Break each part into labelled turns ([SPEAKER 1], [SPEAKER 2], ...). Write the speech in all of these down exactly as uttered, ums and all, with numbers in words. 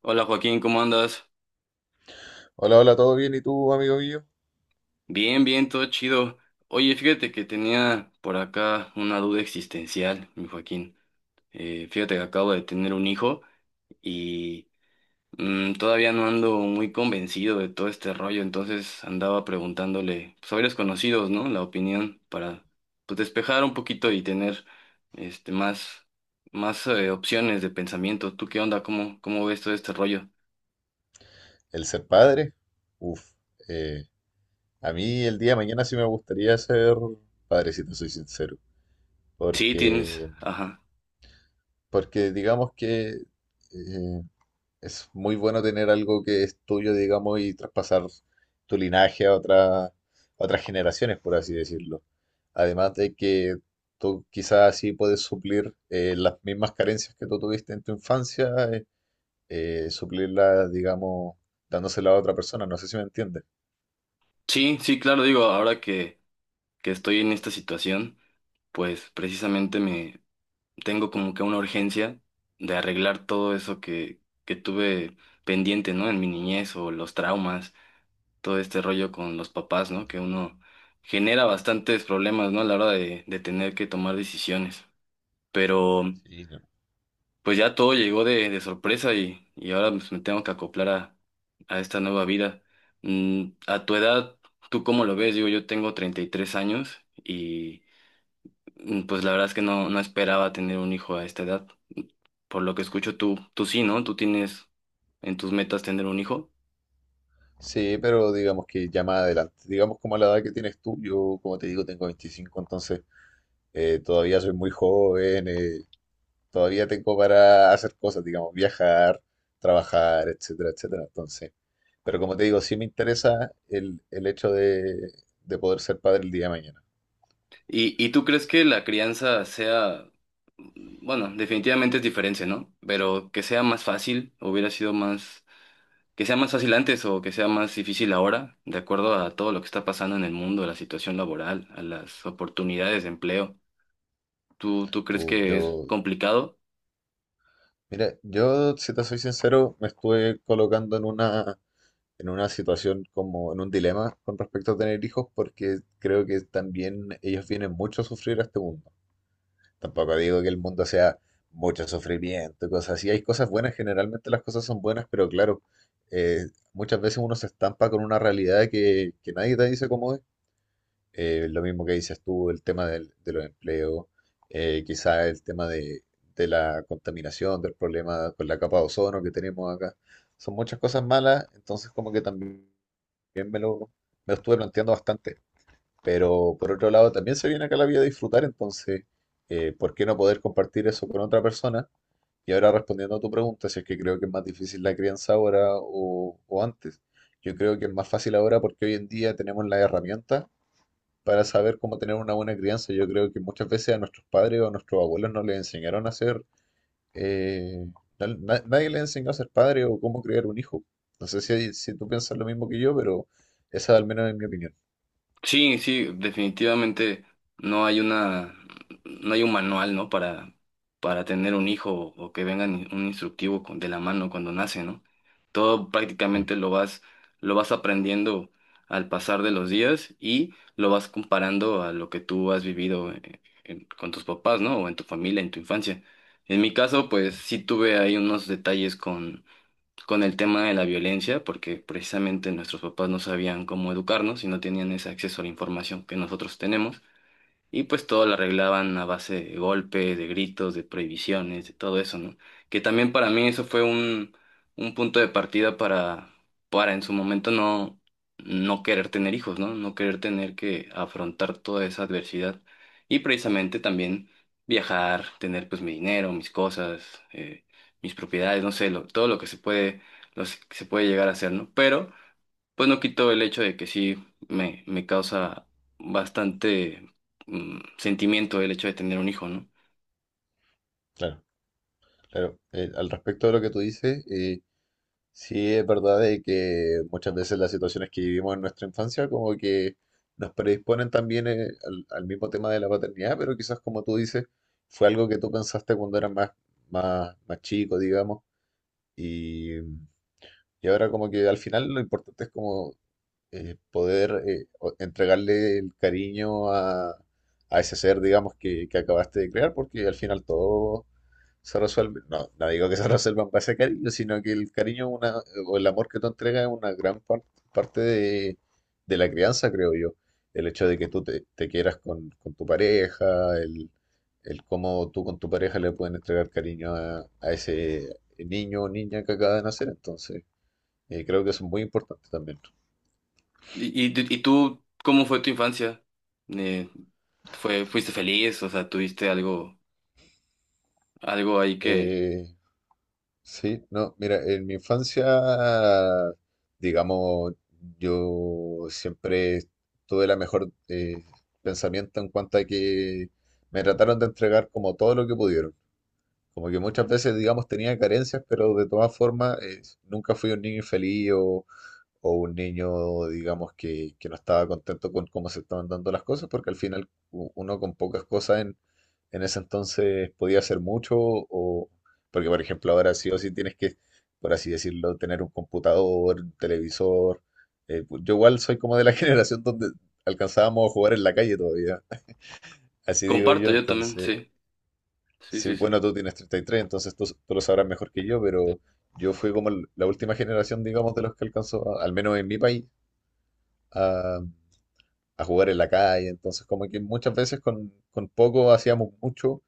[SPEAKER 1] Hola Joaquín, ¿cómo andas?
[SPEAKER 2] Hola, hola, ¿todo bien? ¿Y tú, amigo mío?
[SPEAKER 1] Bien, bien, todo chido. Oye, fíjate que tenía por acá una duda existencial, mi Joaquín. Eh, fíjate que acabo de tener un hijo y mm, todavía no ando muy convencido de todo este rollo, entonces andaba preguntándole, pues, a varios conocidos, ¿no? La opinión para, pues, despejar un poquito y tener este más, más eh, opciones de pensamiento. ¿Tú qué onda? ¿Cómo, cómo ves todo este rollo?
[SPEAKER 2] ¿El ser padre? Uf, eh, a mí el día de mañana sí me gustaría ser padre, si te soy sincero,
[SPEAKER 1] Sí, tienes,
[SPEAKER 2] porque,
[SPEAKER 1] ajá.
[SPEAKER 2] porque digamos que eh, es muy bueno tener algo que es tuyo, digamos, y traspasar tu linaje a otra- a otras generaciones, por así decirlo. Además de que tú quizás así puedes suplir eh, las mismas carencias que tú tuviste en tu infancia eh, eh, suplirla, digamos, dándosela a otra persona. ¿No sé si me entiendes?
[SPEAKER 1] Sí, sí, claro, digo, ahora que que estoy en esta situación, pues precisamente me tengo como que una urgencia de arreglar todo eso que, que tuve pendiente, ¿no? En mi niñez, o los traumas, todo este rollo con los papás, ¿no? Que uno genera bastantes problemas, ¿no? A la hora de, de tener que tomar decisiones. Pero
[SPEAKER 2] Sí, no.
[SPEAKER 1] pues ya todo llegó de, de sorpresa y, y ahora, pues, me tengo que acoplar a, a esta nueva vida. Mm, a tu edad, ¿tú cómo lo ves? Digo, yo tengo treinta y tres años y... Mm, Pues la verdad es que no, no esperaba tener un hijo a esta edad. Por lo que escucho, tú, tú sí, ¿no? Tú tienes en tus metas tener un hijo.
[SPEAKER 2] Sí, pero digamos que ya más adelante, digamos como a la edad que tienes tú, yo como te digo tengo veinticinco. Entonces eh, todavía soy muy joven, eh, todavía tengo para hacer cosas, digamos, viajar, trabajar, etcétera, etcétera. Entonces, pero como te digo, sí me interesa el, el hecho de, de poder ser padre el día de mañana.
[SPEAKER 1] ¿Y, y tú crees que la crianza sea, bueno, definitivamente es diferente, ¿no? Pero que sea más fácil, hubiera sido más, que sea más fácil antes o que sea más difícil ahora, de acuerdo a todo lo que está pasando en el mundo, a la situación laboral, a las oportunidades de empleo. ¿Tú, tú crees
[SPEAKER 2] Uh,
[SPEAKER 1] que es
[SPEAKER 2] yo,
[SPEAKER 1] complicado?
[SPEAKER 2] mira, yo si te soy sincero, me estuve colocando en una en una situación como en un dilema con respecto a tener hijos, porque creo que también ellos vienen mucho a sufrir a este mundo. Tampoco digo que el mundo sea mucho sufrimiento, cosas así. Hay cosas buenas, generalmente las cosas son buenas, pero claro, eh, muchas veces uno se estampa con una realidad que, que nadie te dice cómo es, eh, lo mismo que dices tú, el tema del- de los empleos, eh, quizá el tema de, de la contaminación, del problema con la capa de ozono que tenemos acá. Son muchas cosas malas, entonces como que también me lo, me lo estuve planteando bastante. Pero por otro lado, también se viene acá la vida a disfrutar, entonces, eh, ¿por qué no poder compartir eso con otra persona? Y ahora respondiendo a tu pregunta, si es que creo que es más difícil la crianza ahora o, o antes. Yo creo que es más fácil ahora porque hoy en día tenemos la herramienta para saber cómo tener una buena crianza. Yo creo que muchas veces a nuestros padres o a nuestros abuelos no les enseñaron a ser, eh, na- na- nadie les enseñó a ser padre o cómo criar un hijo. No sé si, hay- si tú piensas lo mismo que yo, pero esa al menos es mi opinión.
[SPEAKER 1] Sí, sí, definitivamente no hay una, no hay un manual, ¿no? Para, para tener un hijo o que venga ni- un instructivo con- de la mano cuando nace, ¿no? Todo
[SPEAKER 2] Sí,
[SPEAKER 1] prácticamente lo vas, lo vas aprendiendo al pasar de los días y lo vas comparando a lo que tú has vivido eh, en- con tus papás, ¿no? O en tu familia, en tu infancia. En mi caso, pues
[SPEAKER 2] claro,
[SPEAKER 1] sí tuve ahí unos detalles con el tema de la violencia, porque precisamente nuestros papás no sabían cómo educarnos y no tenían ese acceso a la información que nosotros tenemos. Y pues todo lo arreglaban a base de golpes, de gritos, de prohibiciones, de todo eso, ¿no? Que también para mí eso fue un, un punto de partida para, para en su momento no, no querer tener hijos, ¿no? No querer tener que afrontar toda esa adversidad. Y precisamente también viajar, tener pues mi dinero, mis cosas, eh, mis propiedades, no sé, lo- todo lo que se puede, lo que se puede llegar a hacer, ¿no? Pero pues no quito el hecho de que sí me, me causa bastante mm, sentimiento el hecho de tener un hijo, ¿no?
[SPEAKER 2] claro. Claro. Eh, al respecto de lo que tú dices, eh, sí, es verdad de que muchas veces las situaciones que vivimos en nuestra infancia como que nos predisponen también, eh, al, al mismo tema de la paternidad, pero quizás como tú dices, fue algo que tú pensaste cuando eras más, más, más chico, digamos, y, y ahora como que al final lo importante es como eh, poder eh, o- entregarle el cariño a, a ese ser, digamos, que, que acabaste de crear, porque al final todos se resuelve, no, no digo que se resuelvan para ese cariño, sino que el cariño es una, o el amor que tú entregas es una gran par- parte de, de la crianza, creo yo. El hecho de que tú te, te quieras con, con tu pareja, el, el cómo tú con tu pareja le pueden entregar cariño a, a ese niño o niña que acaba de nacer, entonces eh, creo que eso es muy importante también.
[SPEAKER 1] ¿Y, y, y tú, cómo fue tu infancia? Eh, Fue, ¿fuiste feliz? O sea, ¿tuviste algo, algo ahí que
[SPEAKER 2] Eh, Sí, no, mira, en mi infancia, digamos, yo siempre tuve la mejor, eh, pensamiento en cuanto a que me trataron de entregar como todo lo que pudieron. Como que muchas veces, digamos, tenía carencias, pero de todas formas, eh, nunca fui un niño infeliz o un niño, digamos, que, que no estaba contento con cómo se estaban dando las cosas, porque al final u- uno con pocas cosas en, en ese entonces podía hacer mucho, o porque, por ejemplo, ahora sí o sí tienes que, por así decirlo, tener un computador, un televisor. Eh, pu- yo igual soy como de la generación donde alcanzábamos a jugar en la calle todavía, así digo
[SPEAKER 1] comparto
[SPEAKER 2] yo,
[SPEAKER 1] yo también?
[SPEAKER 2] entonces,
[SPEAKER 1] Sí, sí,
[SPEAKER 2] sí,
[SPEAKER 1] sí, sí.
[SPEAKER 2] bueno, tú tienes treinta y tres, entonces tú, tú lo sabrás mejor que yo, pero... Yo fui como el- la última generación, digamos, de los que alcanzó, al menos en mi país, a, a jugar en la calle. Entonces, como que muchas veces con, con poco hacíamos mucho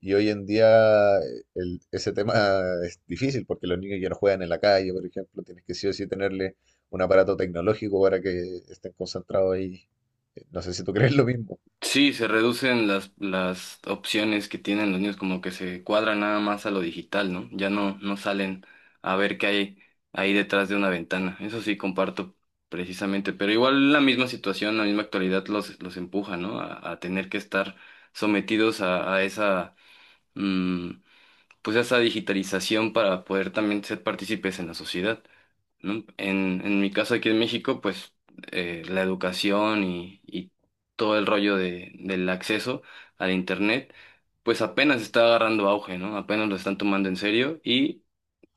[SPEAKER 2] y hoy en día, eh, el- ese tema es difícil porque los niños ya no juegan en la calle, por ejemplo, tienes que sí o sí tenerle un aparato tecnológico para que estén concentrados ahí. Eh, No sé si tú crees lo mismo.
[SPEAKER 1] Sí, se reducen las, las opciones que tienen los niños, como que se cuadran nada más a lo digital, ¿no? Ya no, no salen a ver qué hay ahí detrás de una ventana. Eso sí comparto precisamente, pero igual la misma situación, la misma actualidad los, los empuja, ¿no? A, a tener que estar sometidos a, a esa, mm, pues a esa digitalización para poder también ser partícipes en la sociedad, ¿no? En, en mi caso aquí en México, pues eh, la educación y, y todo el rollo de, del acceso al Internet, pues apenas está agarrando auge, ¿no? Apenas lo están tomando en serio y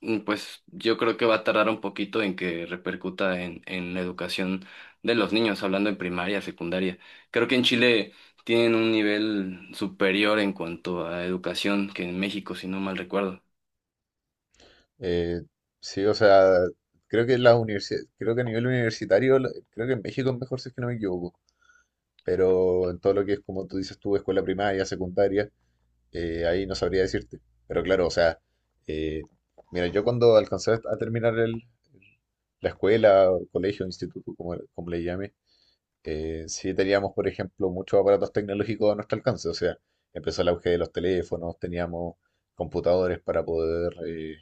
[SPEAKER 1] mm, pues yo creo que va a tardar un poquito en que repercuta en, en la educación de los niños, hablando en primaria, secundaria. Creo que en Chile tienen un nivel superior en cuanto a educación que en México, si no mal recuerdo.
[SPEAKER 2] Eh, sí, o sea, creo que las universidades, creo que a nivel universitario, lo- creo que en México es mejor si es que no me equivoco, pero en todo lo que es, como tú dices tú, escuela primaria, secundaria, Eh, ahí no sabría decirte. Pero claro, o sea, eh, mira, yo cuando alcancé a terminar el, la escuela, o colegio, instituto, como, como le llame, eh, sí teníamos, por ejemplo, muchos aparatos tecnológicos a nuestro alcance. O sea, empezó el auge de los teléfonos, teníamos computadores para poder eh,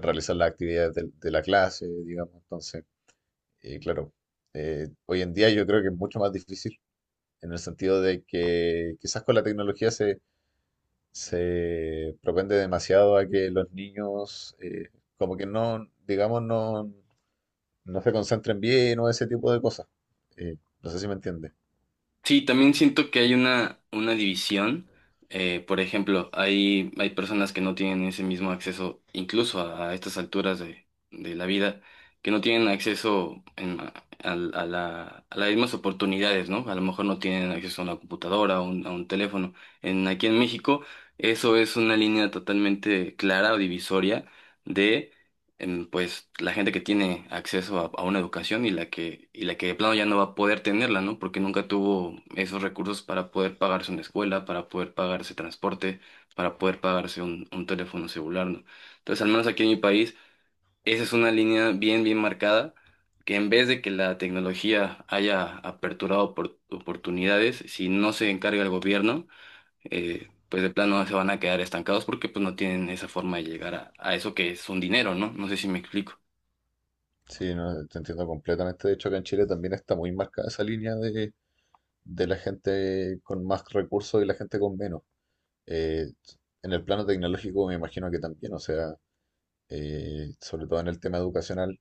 [SPEAKER 2] realizar las actividades del- de, la clase, digamos. Entonces, eh, claro, eh, hoy en día yo creo que es mucho más difícil en el sentido de que quizás con la tecnología se propende demasiado a que los niños, eh, como que no, digamos, no, no se concentren bien o ese tipo de cosas. Eh, no sé si me entiende.
[SPEAKER 1] Sí, también siento que hay una, una división. Eh, por ejemplo, hay, hay personas que no tienen ese mismo acceso, incluso a, a estas alturas de, de la vida, que no tienen acceso en- a, a la- a las mismas oportunidades, ¿no? A lo mejor no tienen acceso a una computadora o un- a un teléfono. En, aquí en México, eso es una línea totalmente clara o divisoria, em, pues la gente que tiene acceso a, a una educación y la que, y la que de plano ya no va a poder tenerla, ¿no? Porque nunca tuvo esos recursos para poder pagarse una escuela, para poder pagarse transporte, para poder pagarse un, un teléfono celular, ¿no? Entonces, al menos aquí en mi país, esa es una línea bien, bien marcada, que en vez de que la tecnología haya aperturado opor- oportunidades, si no se encarga el gobierno, eh, pues de plano se van a quedar estancados porque pues no tienen esa forma de llegar a, a eso que es un dinero, ¿no? No sé si me explico.
[SPEAKER 2] Sí, no, te entiendo completamente. De hecho, acá en Chile también está muy marcada esa línea de, de la gente con más recursos y la gente con menos. Eh, en el plano tecnológico me imagino que también, o sea, eh, sobre todo en el tema educacional,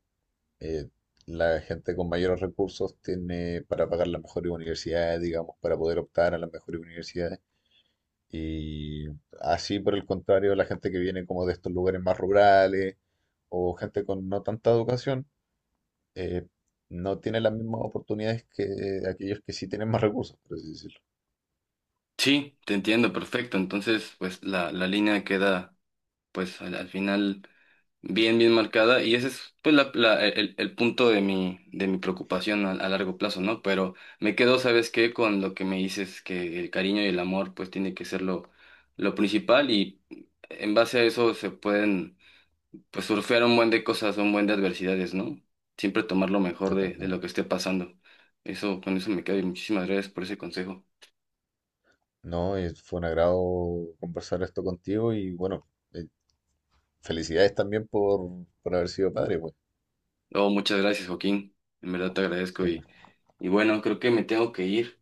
[SPEAKER 2] eh, la gente con mayores recursos tiene para pagar las mejores universidades, digamos, para poder optar a las mejores universidades. Y así, por el contrario, la gente que viene como de estos lugares más rurales o gente con no tanta educación, eh, no tiene las mismas oportunidades que aquellos que sí tienen más recursos, por así decirlo,
[SPEAKER 1] Sí, te entiendo, perfecto. Entonces, pues la, la línea queda, pues al, al final, bien, bien marcada. Y ese es, pues, la, la- e, el, el punto de mi, de mi preocupación a, a largo plazo, ¿no? Pero me quedo, ¿sabes qué? Con lo que me dices, que el cariño y el amor, pues, tiene que ser lo, lo principal. Y en base a eso se pueden, pues, surfear un buen de cosas, un buen de adversidades, ¿no? Siempre tomar lo mejor
[SPEAKER 2] de
[SPEAKER 1] de,
[SPEAKER 2] todas
[SPEAKER 1] de lo que
[SPEAKER 2] maneras.
[SPEAKER 1] esté pasando. Eso, con eso me quedo y muchísimas gracias por ese consejo.
[SPEAKER 2] No, y fue un agrado conversar esto contigo y bueno, eh, felicidades también por, por haber sido padre, pues.
[SPEAKER 1] Oh, muchas gracias, Joaquín. En verdad te agradezco
[SPEAKER 2] Sí, pues,
[SPEAKER 1] y, y bueno, creo que me tengo que ir.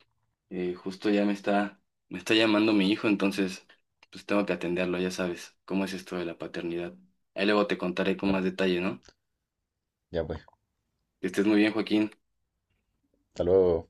[SPEAKER 1] Eh, justo ya me está, me está llamando mi hijo, entonces pues tengo que atenderlo, ya sabes, cómo es esto de la paternidad. Ahí luego te contaré con más
[SPEAKER 2] claro.
[SPEAKER 1] detalle, ¿no?
[SPEAKER 2] Ya pues,
[SPEAKER 1] Que estés muy bien, Joaquín.
[SPEAKER 2] hasta luego.